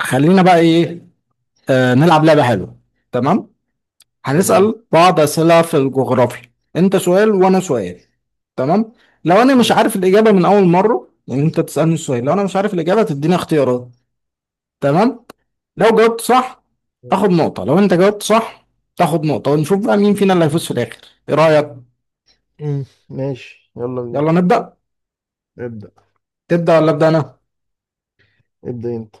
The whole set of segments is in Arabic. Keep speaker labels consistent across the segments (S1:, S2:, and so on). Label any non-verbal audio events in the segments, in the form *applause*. S1: خلينا بقى ايه. آه، نلعب لعبة حلوة. تمام.
S2: تمام.
S1: هنسأل بعض أسئلة في الجغرافيا، انت سؤال وانا سؤال. تمام، لو انا مش
S2: ماشي.
S1: عارف الإجابة من أول مرة يعني، انت تسألني السؤال، لو انا مش عارف الإجابة تديني اختيارات. تمام، لو جاوبت صح اخد نقطة، لو انت جاوبت صح تاخد نقطة، ونشوف بقى مين فينا اللي هيفوز في الآخر. ايه رأيك؟
S2: مم. ماشي، يلا بينا.
S1: يلا نبدأ.
S2: ابدأ.
S1: تبدأ ولا أبدأ انا؟
S2: ابدأ انت.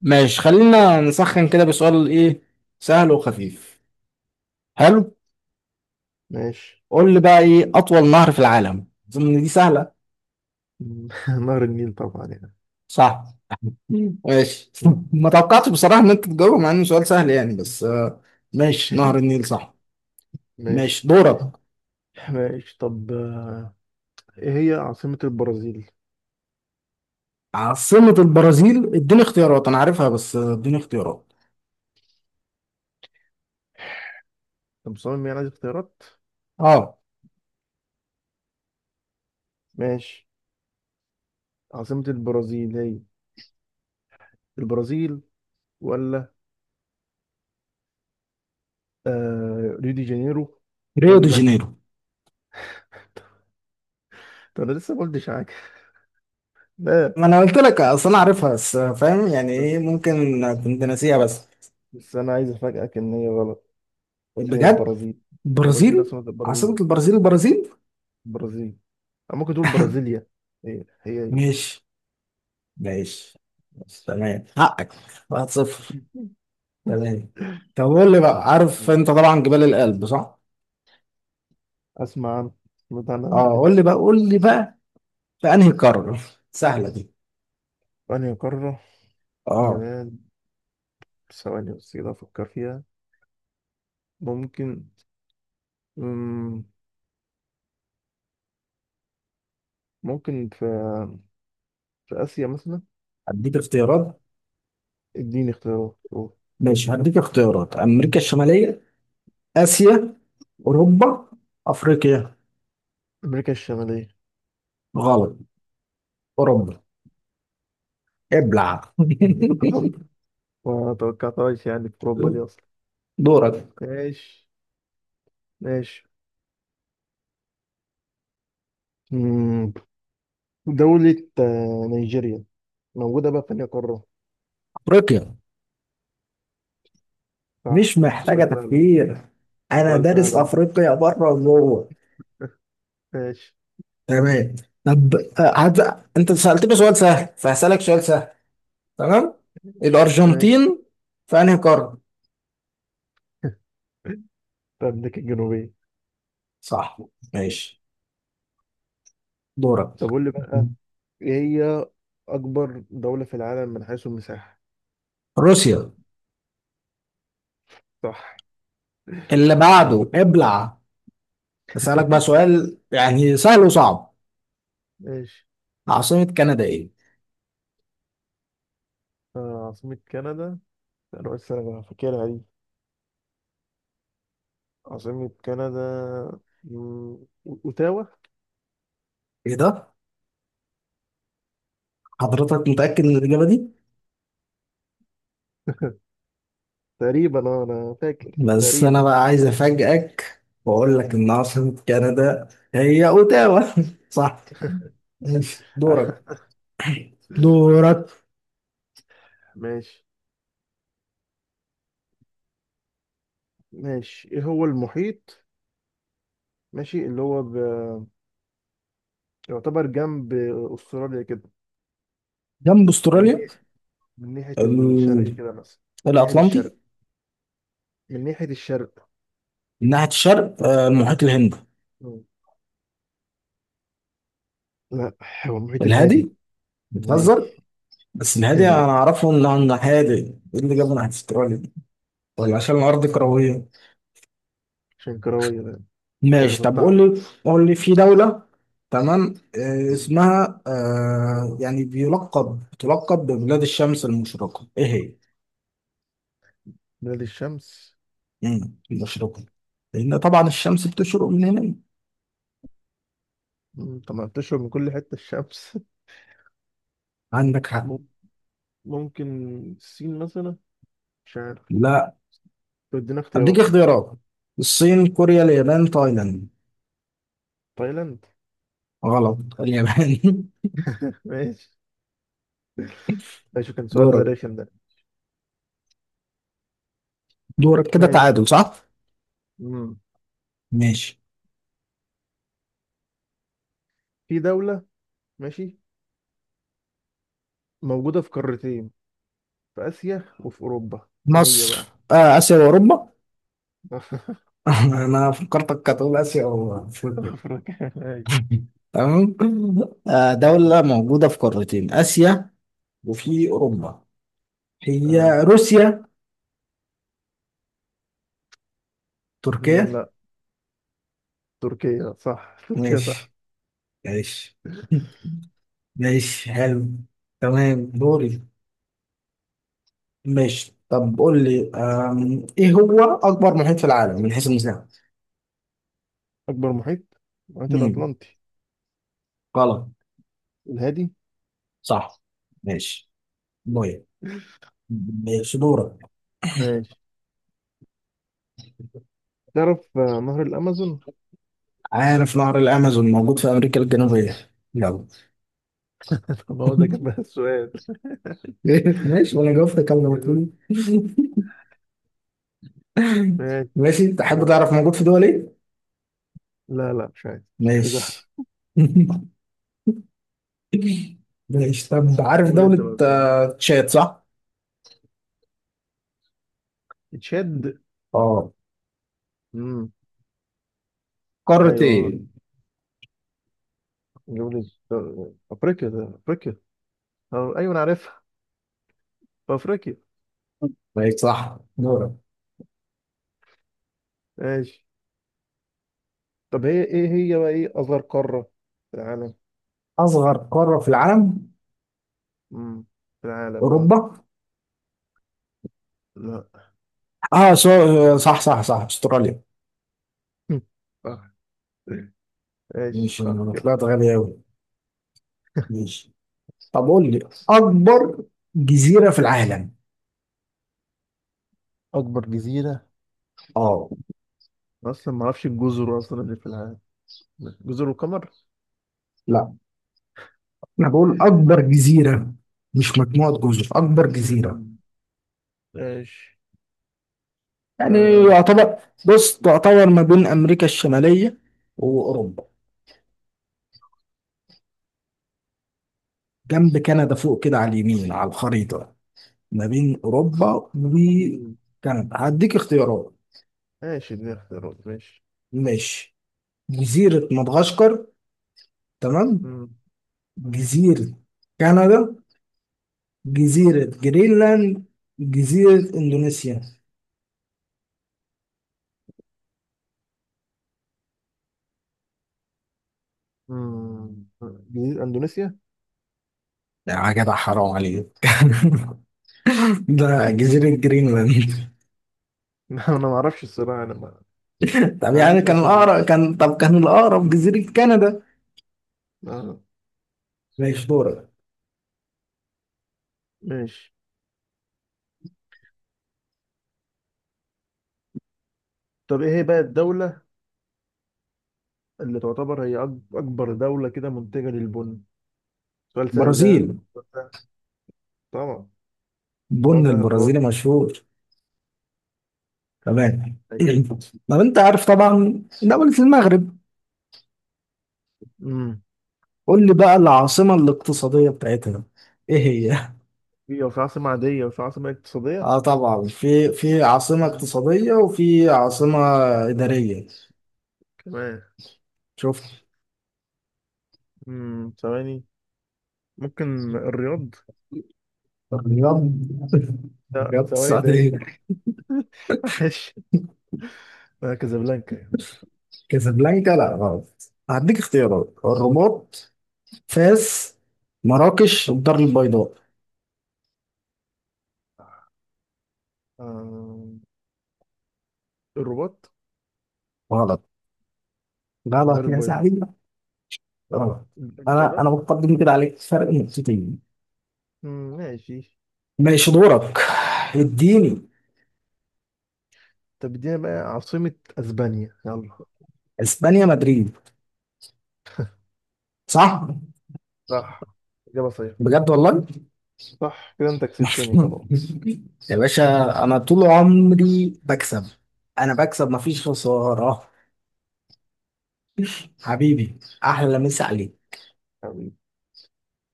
S1: ماشي، خلينا نسخن كده بسؤال ايه، سهل وخفيف. حلو،
S2: ماشي.
S1: قول لي بقى ايه أطول نهر في العالم؟ أظن إن دي سهلة.
S2: مم. *laughs* نهر النيل طبعا يعني.
S1: صح. ماشي *laughs*
S2: مم.
S1: ما توقعتش بصراحة ان انت تجاوب مع انه سؤال سهل يعني، بس ماشي، نهر النيل صح.
S2: ماشي.
S1: ماشي دورك.
S2: ماشي طب ايه هي عاصمة البرازيل؟
S1: عاصمة البرازيل، اديني اختيارات، انا عارفها بس اديني اختيارات.
S2: طب مصمم يعني عايز اختيارات؟
S1: اه،
S2: ماشي. عاصمة البرازيل هي البرازيل، ولا ريو دي جانيرو،
S1: ريو دي
S2: ولا
S1: جانيرو.
S2: *laughs* طب انا لسه ما قلتش حاجة. لا.
S1: ما انا قلت لك اصل انا عارفها، بس فاهم يعني ايه،
S2: بس
S1: ممكن كنت ناسيها بس.
S2: بس انا عايز افاجئك ان هي غلط. هي
S1: بجد؟
S2: البرازيل. البرازيل.
S1: البرازيل؟
S2: عاصمة
S1: عاصمة
S2: البرازيل
S1: البرازيل البرازيل؟
S2: البرازيل. أو ممكن تقول برازيليا. هي.
S1: ماشي، ماشي، ماشي، تمام حقك. 1-0. تمام، طب قول لي بقى، عارف
S2: مم.
S1: انت طبعا جبال الألب صح؟
S2: أسمع عنها سمعت عنها
S1: اه،
S2: قبل كده.
S1: قول لي بقى، قول لي بقى في انهي قارة، سهلة دي.
S2: أنهي قارة.
S1: اه،
S2: جمال. ثواني بس كده أفكر فيها. ممكن، مم، ممكن في آسيا مثلا.
S1: هديك اختيارات.
S2: اديني اختيارات شوف.
S1: ماشي، هديك اختيارات: امريكا الشمالية، اسيا، اوروبا، افريقيا.
S2: أمريكا الشمالية.
S1: غلط، اوروبا، ابلع
S2: *laughs* ما توقعتهاش يعني في أوروبا دي
S1: *laughs*
S2: أصلا.
S1: دورك.
S2: ماشي. ماشي. مم، دولة نيجيريا موجودة بقى في أنهي قارة.
S1: افريقيا،
S2: صح،
S1: مش محتاجة
S2: سؤال سهل أهو.
S1: تفكير، انا
S2: سؤال سهل
S1: دارس
S2: أهو.
S1: افريقيا بره وجوه.
S2: *laughs* ماشي.
S1: تمام، طب انت سألتني سؤال سهل فهسألك سؤال سهل. تمام،
S2: ماشي. ماشي.
S1: الارجنتين في انهي قارة؟
S2: *laughs* في أمريكا الجنوبية.
S1: صح، ماشي دورك.
S2: طب قول لي بقى إيه هي أكبر دولة في العالم من حيث المساحة.
S1: روسيا.
S2: صح.
S1: اللي بعده
S2: إجابة.
S1: ابلع. بسألك بقى سؤال يعني سهل وصعب،
S2: ماشي.
S1: عاصمة كندا ايه؟
S2: عاصمة كندا. أنا قلت أنا فاكرها دي. عاصمة كندا، مم، أوتاوا.
S1: ايه ده؟ حضرتك متأكد من الإجابة دي؟
S2: تقريبا، أنا فاكر
S1: بس أنا
S2: تقريبا.
S1: بقى عايز أفاجئك وأقول لك إن عاصمة كندا هي أوتاوا *laughs* صح، ماشي دورك.
S2: *laughs*
S1: دورك.
S2: ماشي. ماشي، إيه هو المحيط، ماشي، اللي هو يعتبر جنب أستراليا كده.
S1: جنب
S2: من
S1: أستراليا؟
S2: ناحية من ناحية الشرق
S1: ال-
S2: كده مثلا. من ناحية
S1: الأطلنطي؟
S2: الشرق. من ناحية الشرق.
S1: من ناحية الشرق المحيط الهندي؟
S2: مم. لا، هو المحيط الهادي.
S1: الهادي؟
S2: نادي.
S1: بتهزر. بس
S2: *laughs*
S1: الهادي أنا
S2: نادي.
S1: أعرفه إنه هادي، إيه اللي جابه ناحية أستراليا دي؟ ولا عشان الأرض كروية.
S2: عشان كروية ده. أو
S1: ماشي، طب قول
S2: مسطعة.
S1: لي، قول لي في دولة، تمام، اسمها يعني تلقب ببلاد الشمس المشرقة، ايه هي؟
S2: نادي الشمس.
S1: المشرقة، لأن طبعا الشمس بتشرق من هنا.
S2: طب ما بتشرب من كل حتة الشمس.
S1: عندك
S2: *laughs*
S1: حق.
S2: مم- ممكن الصين مثلا، مش عارف.
S1: لا،
S2: طب ادينا
S1: أديك
S2: اختيارات كده.
S1: اختيارات: الصين، كوريا، اليابان، تايلاند.
S2: تايلاند.
S1: غلط، اليابان *laughs*
S2: *laughs* ماشي. ماشي كان سؤال
S1: دورك.
S2: رخم ده.
S1: دورك كده
S2: ماشي.
S1: تعادل صح؟
S2: مم.
S1: ماشي.
S2: في دولة. ماشي، موجودة في قارتين، في آسيا وفي أوروبا. إيه هي
S1: مصر.
S2: بقى؟
S1: آه، آسيا وأوروبا
S2: *laughs*
S1: *laughs* أنا فكرتك هتقول آسيا وأفريقيا.
S2: أفريقيا ماشي.
S1: تمام، آه، دولة موجودة في قارتين، آسيا وفي أوروبا،
S2: آه.
S1: هي روسيا؟ تركيا؟
S2: لا، تركيا صح، تركيا صح.
S1: ماشي، ماشي *laughs* ماشي حلو، تمام دوري. ماشي، طب قول لي إيه هو أكبر محيط في العالم من حيث المساحة؟
S2: أكبر محيط، المحيط
S1: مم،
S2: الأطلنطي.
S1: غلط.
S2: الهادي.
S1: صح، ماشي. بويا. ماشي دورك.
S2: ماشي. تعرف نهر الأمازون؟
S1: عارف نهر الأمازون موجود في أمريكا الجنوبية، يلا
S2: *laughs* ما هو ده كان بقى السؤال.
S1: *laughs* ماشي، وأنا جاوبت كلمة *laughs*
S2: ماشي.
S1: ماشي، تحب
S2: لا.
S1: تعرف موجود في دول ايه؟
S2: لا، لا، مش عايز، مش عايز أعرف.
S1: ماشي *laughs* ماشي، طب عارف
S2: قول انت
S1: دولة
S2: بقى السؤال.
S1: تشاد صح؟
S2: تشاد.
S1: اه،
S2: امم
S1: قارة
S2: ايوه،
S1: ايه؟
S2: جملة، افريقيا، ده افريقيا. أه، ايوه انا عارفها، في افريقيا.
S1: ماشي صح، دورك.
S2: ماشي. طب هي بقى ايه اصغر قارة في العالم.
S1: أصغر قارة في العالم؟
S2: امم في العالم، اه.
S1: أوروبا؟
S2: لا.
S1: اه، صح. أستراليا.
S2: *laughs* صح. ماشي
S1: ماشي،
S2: صح
S1: أنا
S2: كده.
S1: طلعت غبي أوي. ماشي، طب قول لي، أكبر جزيرة في العالم.
S2: اكبر جزيرة.
S1: اه.
S2: أنا اصلا ما اعرفش الجزر اصلا اللي في العالم. جزر القمر.
S1: لا، أنا بقول أكبر جزيرة، مش مجموعة جزر، أكبر جزيرة.
S2: مم. ماشي.
S1: يعني
S2: لا، لا، مش عارف.
S1: يعتبر، بص تعتبر ما بين أمريكا الشمالية وأوروبا، جنب كندا فوق كده على اليمين على الخريطة، ما بين أوروبا
S2: مم.
S1: وكندا. هديك اختيارات.
S2: ماشي دي اختيارات، ماشي.
S1: ماشي: جزيرة مدغشقر، تمام،
S2: مم.
S1: جزيرة كندا، جزيرة جرينلاند، جزيرة إندونيسيا.
S2: مم. جزيرة أندونيسيا؟
S1: يا جدع حرام عليك *laughs* ده جزيرة جرينلاند *laughs*
S2: *laughs* لا، أنا ما أعرفش الصراحة. أنا ما, ما عنديش أصلا.
S1: طب كان الأقرب جزيرة كندا.
S2: آه.
S1: ماشي دورك.
S2: ماشي. طب إيه هي بقى الدولة اللي تعتبر هي أكبر دولة كده منتجة للبن؟ سؤال سهل ده، ها؟
S1: برازيل،
S2: سؤال سهل. طبعا. سؤال
S1: بن
S2: سهل خالص.
S1: البرازيلي مشهور. تمام *clears throat* طب انت عارف طبعا دولة المغرب،
S2: امم
S1: قول لي بقى العاصمة الاقتصادية بتاعتها ايه هي؟ *laughs*
S2: في عاصمة عادية وفي عاصمة اقتصادية.
S1: اه طبعا، في عاصمة
S2: مم.
S1: اقتصادية وفي عاصمة إدارية.
S2: كمان.
S1: شوف.
S2: ثواني. ممكن الرياض.
S1: الرياض؟ *laughs*
S2: لا،
S1: الرياض
S2: ثواني ده.
S1: السعودية.
S2: *laughs* معلش. كازابلانكا.
S1: كازابلانكا؟ لا غلط، هديك اختيارات: الرباط، فاس، مراكش، الدار البيضاء.
S2: آه. الرباط.
S1: غلط،
S2: الدار
S1: غلط يا
S2: البيضاء.
S1: زعيم، غلط.
S2: الدار
S1: انا
S2: البيضاء.
S1: بقدم كده عليك فرق نقطتين.
S2: مم. ماشي.
S1: ماشي دورك، اديني.
S2: طب ادينا بقى عاصمة اسبانيا، يلا.
S1: اسبانيا مدريد. صح.
S2: صح. اجابة صحيحة.
S1: بجد والله
S2: صح كده، انت كسبتني خلاص.
S1: *laughs* يا باشا انا طول عمري بكسب، انا بكسب مفيش خسارة. حبيبي، احلى مسا عليك.
S2: حبيبي.